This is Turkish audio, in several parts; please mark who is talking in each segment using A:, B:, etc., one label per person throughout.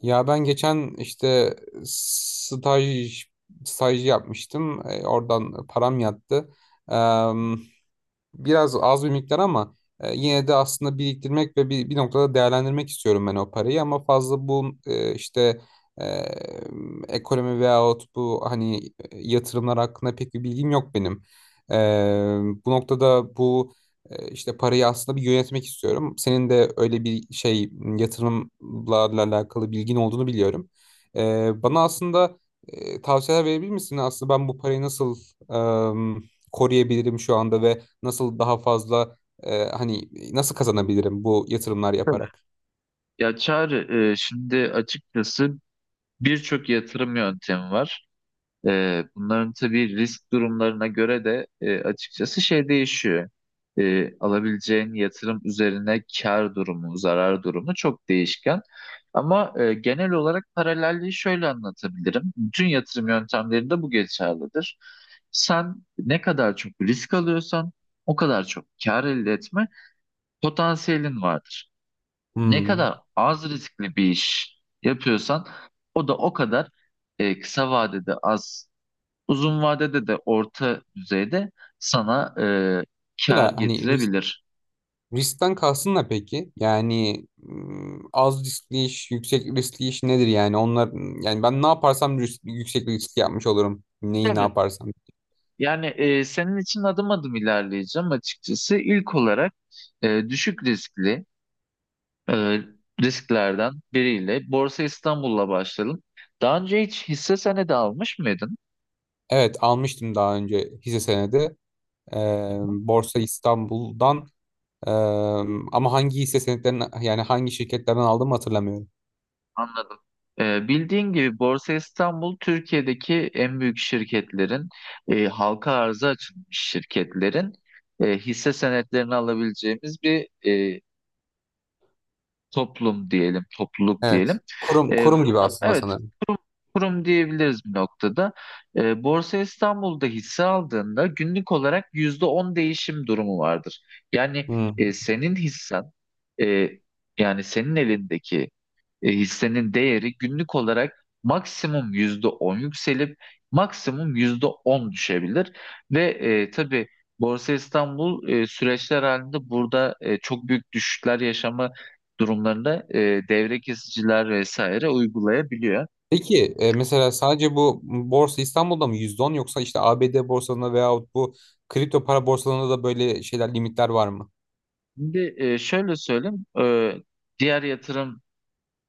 A: Ya ben geçen işte staj staj yapmıştım. Oradan param yattı. Biraz az bir miktar ama yine de aslında biriktirmek ve bir noktada değerlendirmek istiyorum ben o parayı ama fazla bu e, ekonomi veyahut bu hani yatırımlar hakkında pek bir bilgim yok benim. E, Bu noktada bu parayı aslında bir yönetmek istiyorum. Senin de öyle bir şey yatırımlarla alakalı bilgin olduğunu biliyorum. Bana aslında tavsiyeler verebilir misin? Aslında ben bu parayı nasıl e, koruyabilirim şu anda ve nasıl daha fazla nasıl kazanabilirim bu yatırımlar
B: Tabii.
A: yaparak?
B: Ya Çağrı, şimdi açıkçası birçok yatırım yöntemi var. Bunların tabii risk durumlarına göre de açıkçası şey değişiyor. Alabileceğin yatırım üzerine kar durumu, zarar durumu çok değişken. Ama genel olarak paralelliği şöyle anlatabilirim. Bütün yatırım yöntemlerinde bu geçerlidir. Sen ne kadar çok risk alıyorsan o kadar çok kar elde etme potansiyelin vardır. Ne
A: Hmm.
B: kadar az riskli bir iş yapıyorsan o da o kadar kısa vadede az, uzun vadede de orta düzeyde sana kar
A: Mesela hani
B: getirebilir.
A: riskten kalsın da peki? Yani az riskli iş, yüksek riskli iş nedir yani? Onlar yani ben ne yaparsam yüksek risk yapmış olurum. Neyi ne
B: Tabii.
A: yaparsam.
B: Yani senin için adım adım ilerleyeceğim açıkçası. İlk olarak düşük riskli e, risklerden biriyle Borsa İstanbul'la başlayalım. Daha önce hiç hisse senedi almış mıydın?
A: Evet, almıştım daha önce hisse senedi. Borsa İstanbul'dan eee, ama hangi hisse senetlerini yani hangi şirketlerden aldım hatırlamıyorum.
B: Anladım. Bildiğin gibi Borsa İstanbul Türkiye'deki en büyük şirketlerin, halka arza açılmış şirketlerin hisse senetlerini alabileceğimiz bir toplum diyelim, topluluk
A: Evet.
B: diyelim.
A: Kurum kurum gibi
B: Burada,
A: aslında
B: evet,
A: sanırım.
B: kurum diyebiliriz bir noktada. Borsa İstanbul'da hisse aldığında günlük olarak %10 değişim durumu vardır. Yani e,
A: Hmm.
B: senin hissen e, yani senin elindeki hissenin değeri günlük olarak maksimum %10 yükselip maksimum %10 düşebilir. Ve tabii Borsa İstanbul süreçler halinde burada çok büyük düşüşler yaşama durumlarında devre kesiciler vesaire uygulayabiliyor.
A: Peki mesela sadece bu borsa İstanbul'da mı %10 yoksa işte ABD borsalarında veyahut bu kripto para borsalarında da böyle şeyler limitler var mı?
B: Şimdi şöyle söyleyeyim, diğer yatırım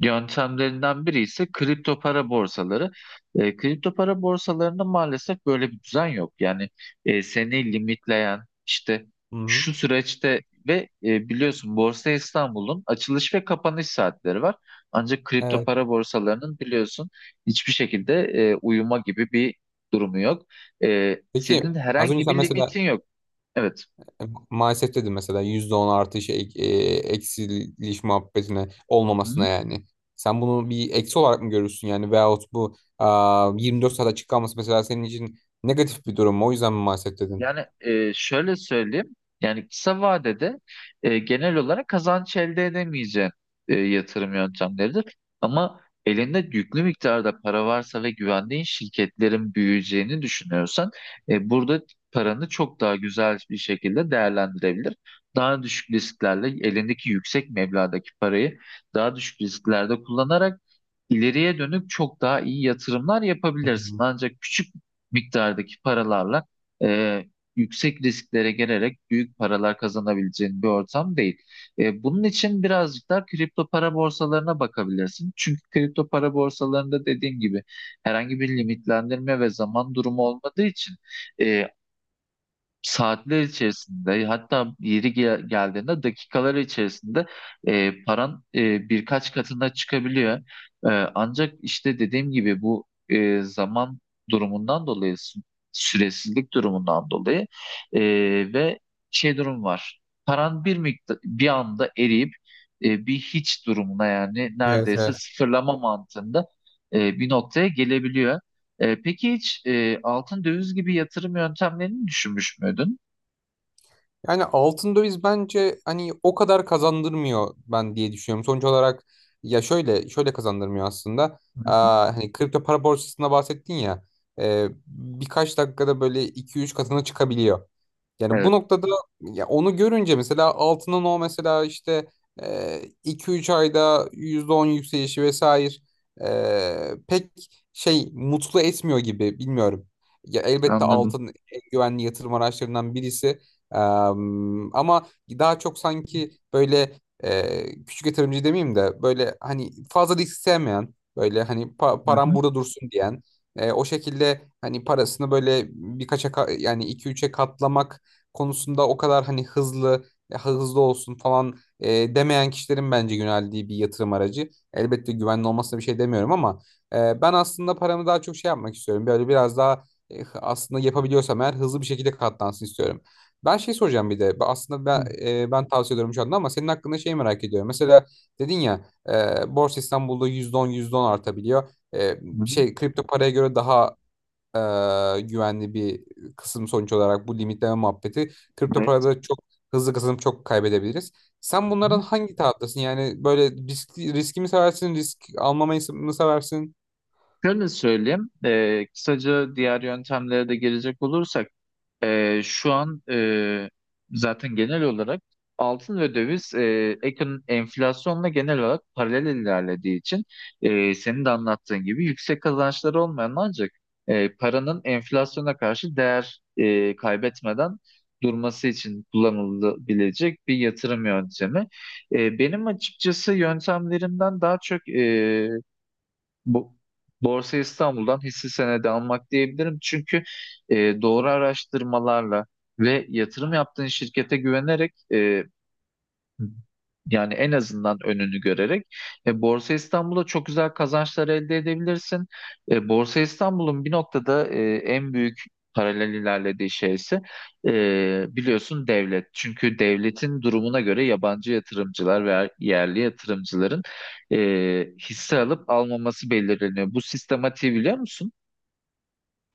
B: yöntemlerinden biri ise kripto para borsaları. Kripto para borsalarında maalesef böyle bir düzen yok. Yani seni limitleyen işte
A: Hı-hı.
B: şu süreçte ve biliyorsun Borsa İstanbul'un açılış ve kapanış saatleri var. Ancak kripto
A: Evet.
B: para borsalarının biliyorsun hiçbir şekilde uyuma gibi bir durumu yok.
A: Peki
B: Senin
A: az önce
B: herhangi
A: sen
B: bir
A: mesela
B: limitin yok. Evet.
A: e, maalesef dedin mesela %10 artış eksiliş muhabbetine
B: Hı?
A: olmamasına yani. Sen bunu bir eksi olarak mı görürsün yani veyahut 24 saat açık kalması mesela senin için negatif bir durum mu? O yüzden mi maalesef dedin?
B: Yani şöyle söyleyeyim. Yani kısa vadede genel olarak kazanç elde edemeyeceğin yatırım yöntemleridir. Ama elinde yüklü miktarda para varsa ve güvendiğin şirketlerin büyüyeceğini düşünüyorsan burada paranı çok daha güzel bir şekilde değerlendirebilir. Daha düşük risklerle elindeki yüksek meblağdaki parayı daha düşük risklerde kullanarak ileriye dönük çok daha iyi yatırımlar
A: Hı
B: yapabilirsin.
A: hı.
B: Ancak küçük miktardaki paralarla yüksek risklere gelerek büyük paralar kazanabileceğin bir ortam değil. Bunun için birazcık daha kripto para borsalarına bakabilirsin. Çünkü kripto para borsalarında dediğim gibi herhangi bir limitlendirme ve zaman durumu olmadığı için e, saatler içerisinde, hatta geldiğinde dakikalar içerisinde paran birkaç katına çıkabiliyor. E, Ancak işte dediğim gibi bu zaman durumundan dolayı, süresizlik durumundan dolayı e, ve şey durum var. Paran bir miktar bir anda eriyip bir hiç durumuna, yani
A: Evet,
B: neredeyse
A: evet.
B: sıfırlama mantığında bir noktaya gelebiliyor. Peki hiç altın, döviz gibi yatırım yöntemlerini düşünmüş müydün?
A: Yani altın döviz bence hani o kadar kazandırmıyor ben diye düşünüyorum. Sonuç olarak ya şöyle kazandırmıyor aslında.
B: Hı hı.
A: Aa, hani kripto para borsasında bahsettin ya, birkaç dakikada böyle iki üç katına çıkabiliyor. Yani bu
B: Evet,
A: noktada ya onu görünce mesela altının o mesela işte iki üç ayda %10 yükselişi vesaire pek şey mutlu etmiyor gibi bilmiyorum. Ya elbette
B: anladım.
A: altın en güvenli yatırım araçlarından birisi. Ama daha çok sanki böyle küçük yatırımcı demeyeyim de böyle hani fazla risk sevmeyen böyle hani
B: Hı
A: param
B: hı.
A: burada dursun diyen o şekilde hani parasını böyle yani 2-3'e katlamak konusunda o kadar hani hızlı olsun falan demeyen kişilerin bence yöneldiği bir yatırım aracı. Elbette güvenli olmasına bir şey demiyorum ama ben aslında paramı daha çok şey yapmak istiyorum. Böyle biraz daha aslında yapabiliyorsam eğer hızlı bir şekilde katlansın istiyorum. Ben şey soracağım bir de. Aslında ben tavsiye ediyorum şu anda ama senin hakkında şey merak ediyorum. Mesela dedin ya, Borsa İstanbul'da yüzde on artabiliyor.
B: Hı hı.
A: Şey kripto paraya göre daha güvenli bir kısım sonuç olarak bu limitleme muhabbeti. Kripto
B: Evet.
A: parada çok hızlı kazanıp çok kaybedebiliriz. Sen bunlardan hangi taraftasın? Yani böyle riski mi seversin, risk almamayı mı seversin?
B: Şöyle söyleyeyim, kısaca diğer yöntemlere de gelecek olursak, şu an zaten genel olarak altın ve döviz, enflasyonla genel olarak paralel ilerlediği için senin de anlattığın gibi yüksek kazançları olmayan, ancak paranın enflasyona karşı değer kaybetmeden durması için kullanılabilecek bir yatırım yöntemi. Benim açıkçası yöntemlerimden daha çok bu Borsa İstanbul'dan hisse senedi almak diyebilirim. Çünkü doğru araştırmalarla ve yatırım yaptığın şirkete güvenerek, hı, yani en azından önünü görerek, Borsa İstanbul'da çok güzel kazançlar elde edebilirsin. Borsa İstanbul'un bir noktada en büyük paralel ilerlediği şeyse biliyorsun devlet. Çünkü devletin durumuna göre yabancı yatırımcılar veya yerli yatırımcıların e, hisse alıp almaması belirleniyor. Bu sistematiği biliyor musun?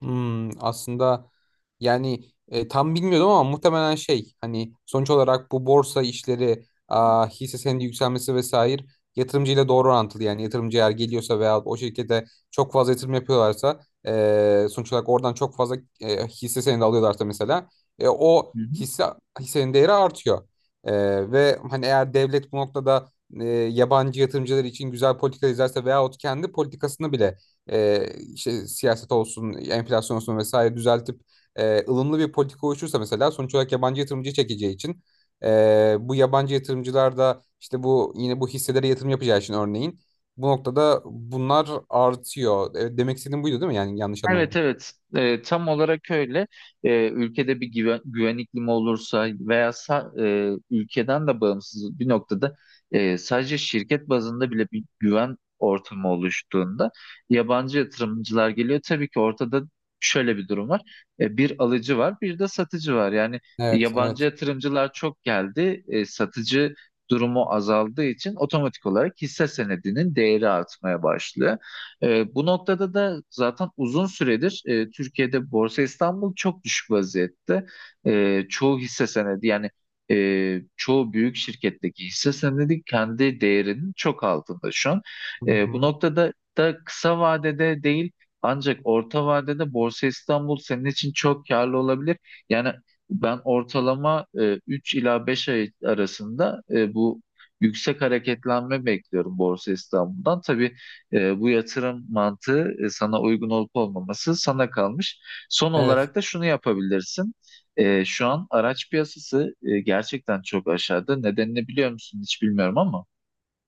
A: Hmm, aslında yani tam bilmiyordum ama muhtemelen şey hani sonuç olarak bu borsa işleri hisse senedi yükselmesi vesaire yatırımcıyla doğru orantılı yani yatırımcı eğer geliyorsa veya o şirkete çok fazla yatırım yapıyorlarsa sonuç olarak oradan çok fazla hisse senedi alıyorlarsa mesela o hisse hissenin değeri artıyor. E, Ve hani eğer devlet bu noktada yabancı yatırımcılar için güzel politika izlerse veyahut kendi politikasını bile e, işte siyaset olsun, enflasyon olsun vesaire düzeltip ılımlı bir politika oluşursa mesela sonuç olarak yabancı yatırımcı çekeceği için bu yabancı yatırımcılar da işte bu yine bu hisselere yatırım yapacağı için örneğin bu noktada bunlar artıyor. Demek istediğim buydu değil mi? Yani yanlış
B: Evet,
A: anlamadım.
B: evet. Tam olarak öyle. Ülkede bir güven iklimi olursa veya ülkeden de bağımsız bir noktada, sadece şirket bazında bile bir güven ortamı oluştuğunda yabancı yatırımcılar geliyor. Tabii ki ortada şöyle bir durum var. Bir alıcı var, bir de satıcı var. Yani
A: Evet,
B: yabancı
A: evet.
B: yatırımcılar çok geldi, satıcı durumu azaldığı için otomatik olarak hisse senedinin değeri artmaya başlıyor. Bu noktada da zaten uzun süredir Türkiye'de Borsa İstanbul çok düşük vaziyette. Çoğu hisse senedi, yani çoğu büyük şirketteki hisse senedi kendi değerinin çok altında şu an.
A: Hı
B: Bu
A: hı.
B: noktada da kısa vadede değil, ancak orta vadede Borsa İstanbul senin için çok karlı olabilir. Yani ben ortalama 3 ila 5 ay arasında bu yüksek hareketlenme bekliyorum Borsa İstanbul'dan. Tabii bu yatırım mantığı sana uygun olup olmaması sana kalmış. Son
A: Evet.
B: olarak da şunu yapabilirsin. Şu an araç piyasası gerçekten çok aşağıda. Nedenini biliyor musun hiç, bilmiyorum ama.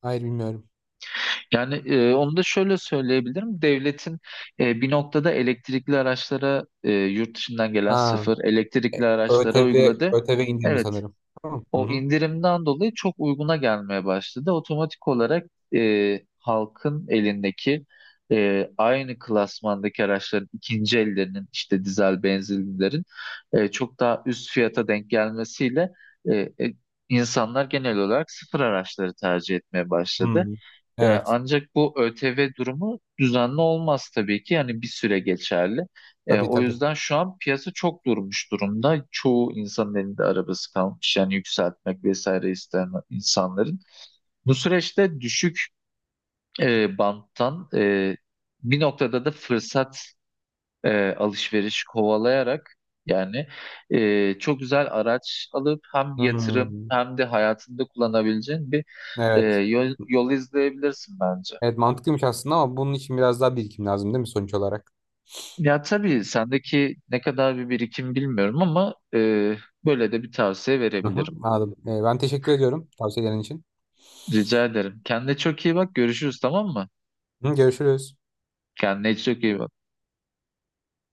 A: Hayır, bilmiyorum.
B: Yani onu da şöyle söyleyebilirim. Devletin bir noktada elektrikli araçlara, yurt dışından gelen
A: Ha,
B: sıfır elektrikli
A: e,
B: araçlara uyguladı.
A: ÖTV indirimi
B: Evet,
A: sanırım. Tamam. Hı
B: o
A: hı.
B: indirimden dolayı çok uyguna gelmeye başladı. Otomatik olarak halkın elindeki aynı klasmandaki araçların ikinci ellerinin, işte dizel benzinlilerin çok daha üst fiyata denk gelmesiyle e, e, insanlar genel olarak sıfır araçları tercih etmeye
A: Hı.
B: başladı.
A: Evet.
B: Ancak bu ÖTV durumu düzenli olmaz tabii ki. Yani bir süre geçerli.
A: Tabii,
B: O
A: tabii.
B: yüzden şu an piyasa çok durmuş durumda. Çoğu insanın elinde arabası kalmış. Yani yükseltmek vesaire isteyen insanların. Bu süreçte düşük banttan bir noktada da fırsat, alışveriş kovalayarak, yani çok güzel araç alıp hem yatırım
A: Hmm,
B: hem de hayatında kullanabileceğin bir
A: evet.
B: yol izleyebilirsin bence.
A: Evet, mantıklıymış aslında ama bunun için biraz daha birikim lazım değil mi sonuç olarak?
B: Ya tabii sendeki ne kadar bir birikim bilmiyorum ama böyle de bir tavsiye
A: Hı hı,
B: verebilirim.
A: anladım. Ben teşekkür ediyorum tavsiyelerin için.
B: Rica ederim. Kendine çok iyi bak. Görüşürüz, tamam mı?
A: Hı, görüşürüz.
B: Kendine çok iyi bak.